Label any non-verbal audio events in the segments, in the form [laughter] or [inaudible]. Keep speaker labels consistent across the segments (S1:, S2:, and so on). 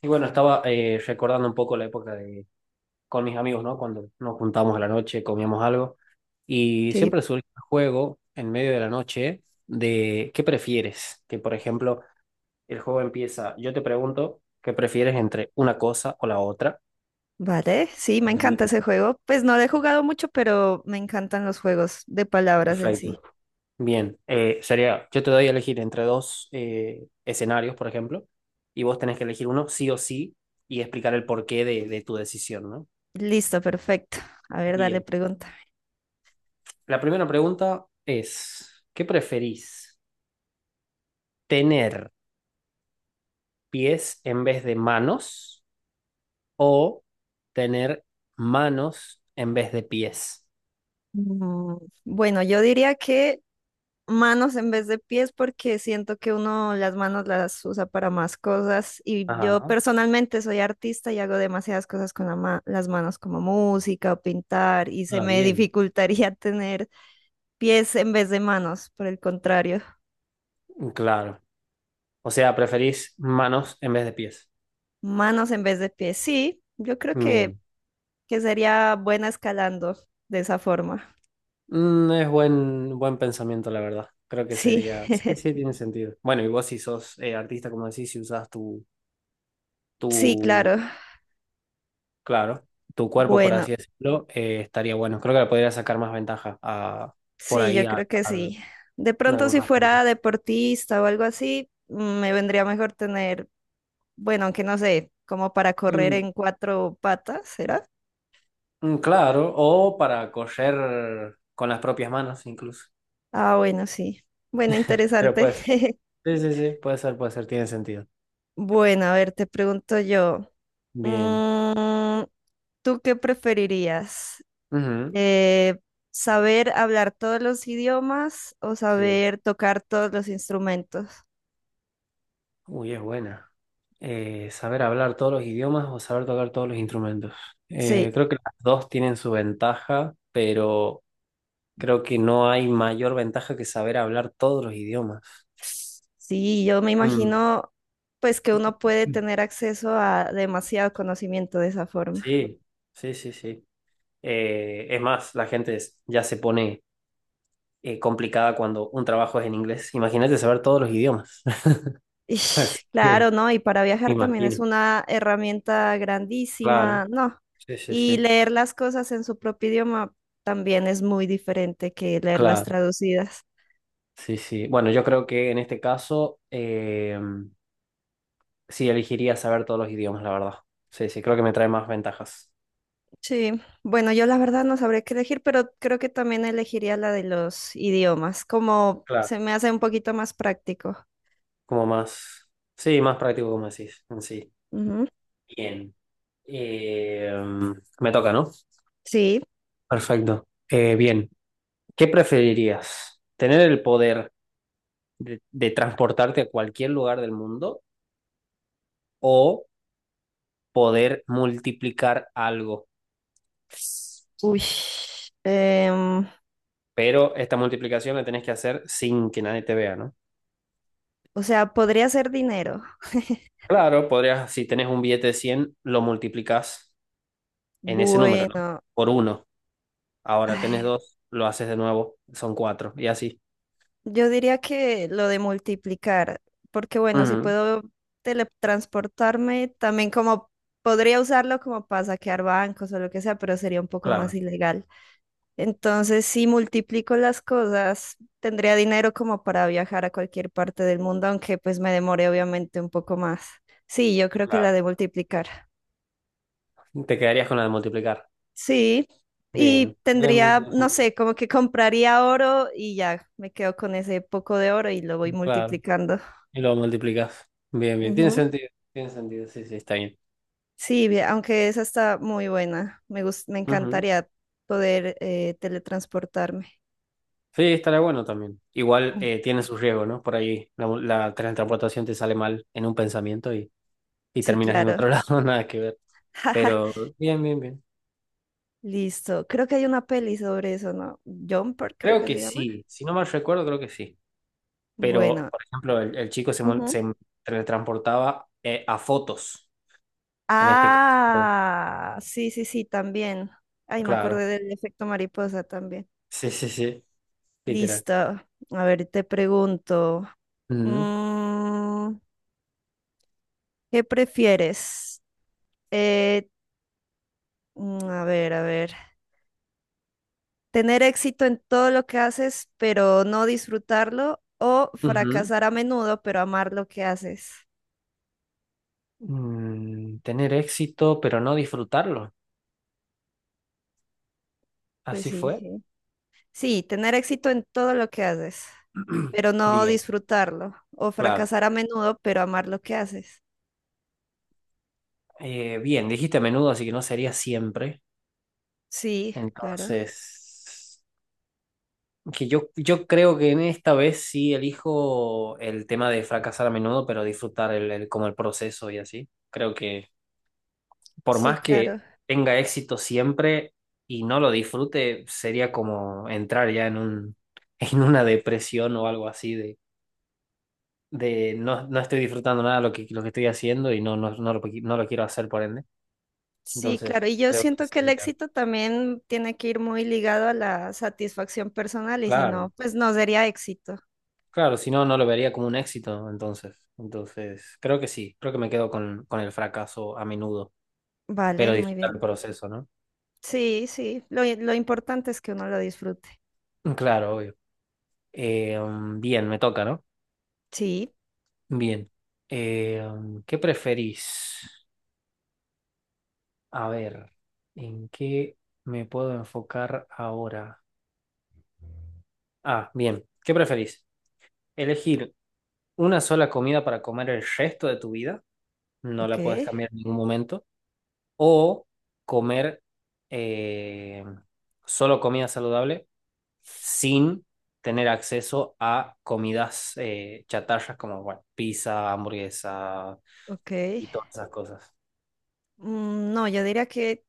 S1: Y bueno, estaba recordando un poco la época de, con mis amigos, ¿no? Cuando nos juntábamos a la noche, comíamos algo. Y
S2: Sí,
S1: siempre surge el juego en medio de la noche de ¿qué prefieres? Que, por ejemplo, el juego empieza, yo te pregunto, ¿qué prefieres entre una cosa o la otra?
S2: vale, sí, me
S1: Y
S2: encanta ese juego. Pues no lo he jugado mucho, pero me encantan los juegos de palabras en sí.
S1: perfecto. Bien, sería, yo te doy a elegir entre dos escenarios, por ejemplo, y vos tenés que elegir uno sí o sí y explicar el porqué de tu decisión, ¿no?
S2: Listo, perfecto. A ver, dale
S1: Bien.
S2: pregunta.
S1: La primera pregunta es, ¿qué preferís? ¿Tener pies en vez de manos o tener manos en vez de pies?
S2: Mm, Bueno, yo diría que manos en vez de pies porque siento que uno las manos las usa para más cosas y yo
S1: Ajá.
S2: personalmente soy artista y hago demasiadas cosas con las manos como música o pintar y se
S1: Ah,
S2: me
S1: bien.
S2: dificultaría [laughs] tener pies en vez de manos, por el contrario.
S1: Claro. O sea, preferís manos en vez de pies.
S2: Manos en vez de pies, sí. Yo creo que
S1: Bien.
S2: sería buena escalando de esa forma.
S1: Mm, es buen pensamiento, la verdad. Creo que
S2: Sí,
S1: sería. Sí, sí, tiene sentido. Bueno, y vos si sos artista, como decís, si usás tu,
S2: sí,
S1: tu
S2: claro.
S1: claro, tu cuerpo, por
S2: Bueno,
S1: así decirlo, estaría bueno. Creo que le podría sacar más ventaja a, por
S2: sí,
S1: ahí
S2: yo
S1: a,
S2: creo que
S1: a-
S2: sí. De
S1: en
S2: pronto si
S1: algunos aspectos.
S2: fuera deportista o algo así, me vendría mejor tener, bueno, aunque no sé, como para correr
S1: Mm,
S2: en cuatro patas, ¿será?
S1: claro, o para coser con las propias manos incluso.
S2: Ah, bueno, sí. Bueno,
S1: Pero
S2: interesante.
S1: puede ser.
S2: [laughs]
S1: Sí, sí, sí, puede ser, tiene sentido.
S2: Bueno, a ver, te pregunto yo.
S1: Bien.
S2: mm, ¿Tú qué preferirías?
S1: Ujú.
S2: Eh, ¿Saber hablar todos los idiomas o
S1: Sí.
S2: saber tocar todos los instrumentos?
S1: Uy, es buena. Saber hablar todos los idiomas o saber tocar todos los instrumentos.
S2: Sí,
S1: Creo que las dos tienen su ventaja, pero creo que no hay mayor ventaja que saber hablar todos los idiomas.
S2: sí, yo me
S1: Mm.
S2: imagino pues que uno puede tener acceso a demasiado conocimiento de esa forma.
S1: Sí, sí, sí, sí. Es más, la gente ya se pone complicada cuando un trabajo es en inglés. Imagínate saber todos los idiomas. [laughs] Así
S2: Ish, claro,
S1: que,
S2: ¿no? Y para viajar también
S1: imagino.
S2: es una herramienta
S1: Claro.
S2: grandísima, ¿no?
S1: Sí, sí,
S2: Y
S1: sí.
S2: leer las cosas en su propio idioma también es muy diferente que leerlas
S1: Claro.
S2: traducidas.
S1: Sí, sí. Bueno, yo creo que en este caso sí elegiría saber todos los idiomas, la verdad. Sí, sí, creo que me trae más ventajas.
S2: Sí, bueno, yo la verdad no sabré qué elegir, pero creo que también elegiría la de los idiomas, como
S1: Claro.
S2: se me hace un poquito más práctico.
S1: Como más. Sí, más práctico, como decís, en sí.
S2: Ujú,
S1: Bien. Eh, Me toca, ¿no?
S2: sí.
S1: Perfecto. Bien. ¿Qué preferirías? ¿Tener el poder de transportarte a cualquier lugar del mundo o poder multiplicar algo?
S2: Uy. em,
S1: Pero esta multiplicación la tenés que hacer sin que nadie te vea, ¿no?
S2: o sea, podría ser dinero.
S1: Claro, podrías, si tenés un billete de 100, lo multiplicas en ese número, ¿no?
S2: Bueno,
S1: Por uno. Ahora tenés
S2: ay,
S1: dos, lo haces de nuevo, son cuatro, y así.
S2: yo diría que lo de multiplicar, porque bueno, si
S1: Ujú,
S2: puedo teletransportarme, también como podría usarlo como para saquear bancos o lo que sea, pero sería un poco más
S1: claro,
S2: ilegal. Entonces, si multiplico las cosas, tendría dinero como para viajar a cualquier parte del mundo, aunque pues me demore obviamente un poco más. Sí, yo creo que la
S1: claro.
S2: de multiplicar.
S1: Te quedarías con la de multiplicar.
S2: Sí, y
S1: Bien. Bien, bien,
S2: tendría,
S1: tiene
S2: no
S1: sentido.
S2: sé, como que compraría oro y ya me quedo con ese poco de oro y lo voy
S1: Claro.
S2: multiplicando.
S1: Y lo multiplicas. Bien, bien. Tiene
S2: Ujú.
S1: sentido. Tiene sentido. Sí, sí, está bien.
S2: Sí, bien, aunque esa está muy buena. Me
S1: Ujú.
S2: encantaría poder teletransportarme.
S1: Sí, estará bueno también. Igual
S2: Mm.
S1: tiene su riesgo, ¿no? Por ahí la transportación te sale mal en un pensamiento y
S2: Sí,
S1: terminas en otro [laughs]
S2: claro.
S1: lado, nada que ver.
S2: [laughs]
S1: Pero bien, bien, bien.
S2: Listo. Creo que hay una peli sobre eso, ¿no? Jumper, creo
S1: Creo
S2: que
S1: que
S2: se llama.
S1: sí. Si no mal recuerdo, creo que sí. Pero,
S2: Bueno.
S1: por ejemplo, el chico se, mol-
S2: Ujú.
S1: se teletransportaba a fotos, en este caso.
S2: Ah, sí, sí, sí, también. Ay, me
S1: Claro.
S2: acordé del efecto mariposa también.
S1: Sí, sí, sí. Literal.
S2: Listo. A ver, te pregunto,
S1: Ujú.
S2: mm, ¿qué prefieres? Eh, a ver, a ver. ¿Tener éxito en todo lo que haces, pero no disfrutarlo? ¿O
S1: Ujú.
S2: fracasar a menudo, pero amar lo que haces?
S1: Tener éxito, pero no disfrutarlo.
S2: Pues
S1: Así
S2: sí,
S1: fue.
S2: sí. Sí, tener éxito en todo lo que haces,
S1: [clears throat]
S2: pero no
S1: Bien,
S2: disfrutarlo, o
S1: claro.
S2: fracasar a menudo, pero amar lo que haces.
S1: Bien, dijiste a menudo, así que no sería siempre.
S2: Sí, claro,
S1: Entonces, que yo creo que en esta vez sí elijo el tema de fracasar a menudo, pero disfrutar como el proceso y así. Creo que por
S2: sí,
S1: más que
S2: claro,
S1: tenga éxito siempre y no lo disfrute, sería como entrar ya en un, [laughs] en una depresión o algo así de no, no estoy disfrutando nada lo que, lo que estoy haciendo y no lo quiero hacer por ende.
S2: sí,
S1: Entonces,
S2: claro. Y yo
S1: creo que
S2: siento que el
S1: sí, claro.
S2: éxito también tiene que ir muy ligado a la satisfacción personal y si no,
S1: Claro,
S2: pues no sería éxito.
S1: claro, si no, no lo vería como un éxito, entonces. Entonces, creo que sí, creo que me quedo con el fracaso a menudo,
S2: Vale,
S1: pero
S2: muy
S1: disfrutar el
S2: bien.
S1: proceso, ¿no?
S2: Sí, sí, lo importante es que uno lo disfrute.
S1: Mm, claro, obvio. Bien, me toca, ¿no?
S2: Sí,
S1: Bien. ¿Qué preferís? A ver, ¿en qué me puedo enfocar ahora? Ah, bien. ¿Qué preferís? ¿Elegir una sola comida para comer el resto de tu vida? No
S2: ok,
S1: la puedes cambiar en ningún momento, o comer eh, solo comida saludable sin tener acceso a comidas chatarras como bueno, pizza, hamburguesa
S2: ok.
S1: y todas esas cosas.
S2: No, yo diría que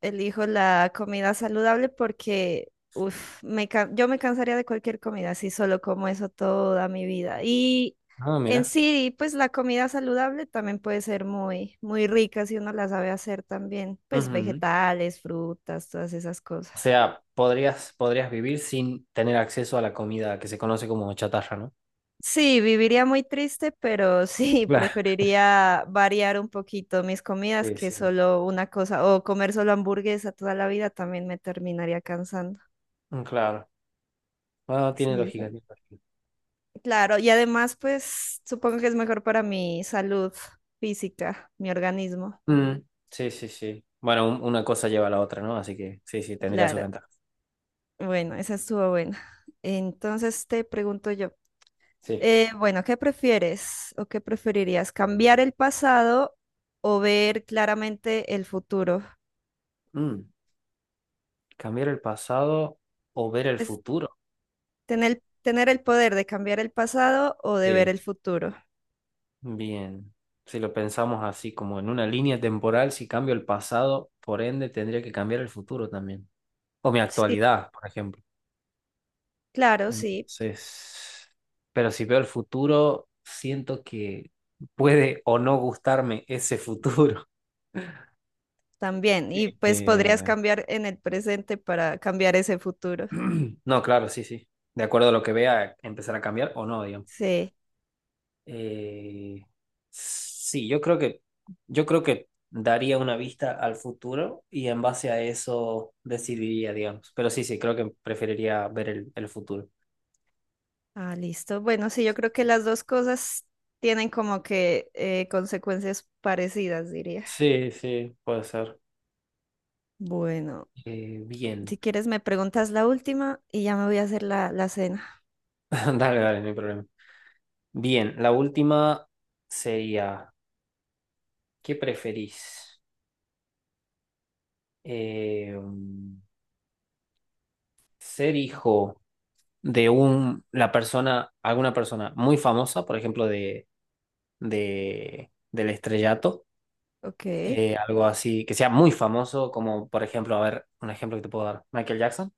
S2: elijo la comida saludable porque uf, yo me cansaría de cualquier comida si solo como eso toda mi vida. Y
S1: Ah,
S2: en
S1: mira.
S2: sí, pues la comida saludable también puede ser muy, muy rica si uno la sabe hacer también, pues
S1: Ujú.
S2: vegetales, frutas, todas esas
S1: O
S2: cosas.
S1: sea, podrías vivir sin tener acceso a la comida que se conoce como chatarra, ¿no?
S2: Sí, viviría muy triste, pero sí, [laughs]
S1: Claro.
S2: preferiría variar un poquito mis comidas
S1: Sí,
S2: que
S1: sí.
S2: solo una cosa, o comer solo hamburguesa toda la vida también me terminaría cansando.
S1: Mm, claro. Ah, tiene
S2: Sí, eso.
S1: lógica, tiene lógica.
S2: Claro, y además, pues supongo que es mejor para mi salud física, mi organismo.
S1: Mm, sí, sí, sí. Bueno, una cosa lleva a la otra, ¿no? Así que sí, sí, tendría sus
S2: Claro,
S1: ventajas.
S2: bueno, esa estuvo buena. Entonces te pregunto yo,
S1: Sí.
S2: bueno, ¿qué prefieres o qué preferirías? ¿Cambiar el pasado o ver claramente el futuro?
S1: Mm. ¿Cambiar el pasado o ver el
S2: Pues
S1: futuro?
S2: tener el poder de cambiar el pasado o de ver
S1: Sí.
S2: el futuro.
S1: Bien, si lo pensamos así, como en una línea temporal, si cambio el pasado, por ende tendría que cambiar el futuro también. O mi
S2: Sí,
S1: actualidad, por ejemplo.
S2: claro, sí,
S1: Entonces, pero si veo el futuro, siento que puede o no gustarme ese futuro.
S2: también.
S1: Sí.
S2: Y pues podrías cambiar en el presente para cambiar ese futuro.
S1: [clears throat] No, claro, sí, sí. De acuerdo a lo que vea, empezar a cambiar o no, digamos.
S2: Sí.
S1: Eh, sí, yo creo que daría una vista al futuro y en base a eso decidiría, digamos. Pero sí, sí, creo que preferiría ver el futuro.
S2: Ah, listo. Bueno, sí, yo creo que las dos cosas tienen como que consecuencias parecidas, diría.
S1: Sí, sí, puede ser.
S2: Bueno,
S1: Bien,
S2: si quieres me preguntas la última y ya me voy a hacer la cena.
S1: [laughs] dale, dale, no hay problema. Bien, la última sería, ¿qué preferís? Eh, mm, Ser hijo de la persona, alguna persona muy famosa, por ejemplo, del estrellato.
S2: Ok.
S1: Algo así, que sea muy famoso, como por ejemplo, a ver, un ejemplo que te puedo dar, Michael Jackson,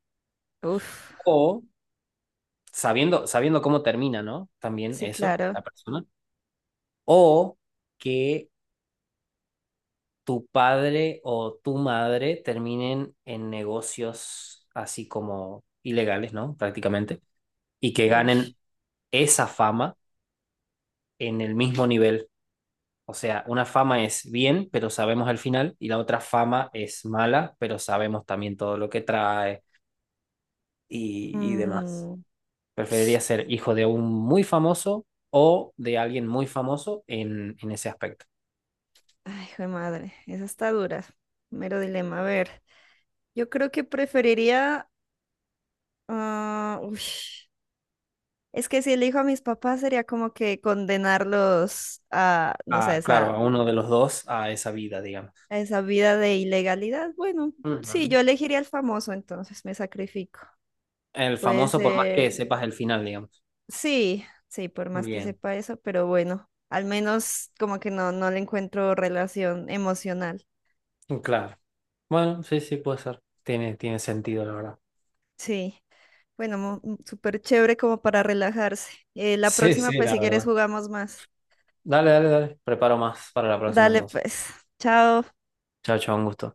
S2: Uf,
S1: o sabiendo cómo termina, ¿no? También
S2: sí,
S1: eso,
S2: claro.
S1: la persona, o que tu padre o tu madre terminen en negocios así como ilegales, ¿no? Prácticamente, y que
S2: Uy.
S1: ganen esa fama en el mismo nivel. O sea, una fama es bien, pero sabemos el final, y la otra fama es mala, pero sabemos también todo lo que trae y demás.
S2: Mm,
S1: Preferiría ser hijo de un muy famoso o de alguien muy famoso en ese aspecto.
S2: Ay, hijo de madre, esa está dura. Mero dilema. A ver, yo creo que preferiría... ah, uy. Es que si elijo a mis papás sería como que condenarlos a, no
S1: Ah,
S2: sé,
S1: claro, a uno de los dos, a esa vida, digamos.
S2: a esa vida de ilegalidad. Bueno, sí,
S1: Ujú.
S2: yo elegiría el famoso, entonces me sacrifico.
S1: El
S2: Puede
S1: famoso, por más que
S2: ser,
S1: sepas el final, digamos.
S2: sí, sí, por más que
S1: Bien,
S2: sepa eso, pero bueno, al menos como que no, no le encuentro relación emocional.
S1: claro. Bueno, sí, sí, puede ser. Tiene sentido, la verdad. [laughs]
S2: Sí, bueno, súper chévere como para relajarse. La
S1: Sí,
S2: próxima,
S1: sí,
S2: pues
S1: la
S2: si quieres
S1: verdad.
S2: jugamos más.
S1: Dale, dale, dale. Preparo más para la próxima
S2: Dale,
S1: entonces.
S2: pues, chao.
S1: Chao, chao, un gusto.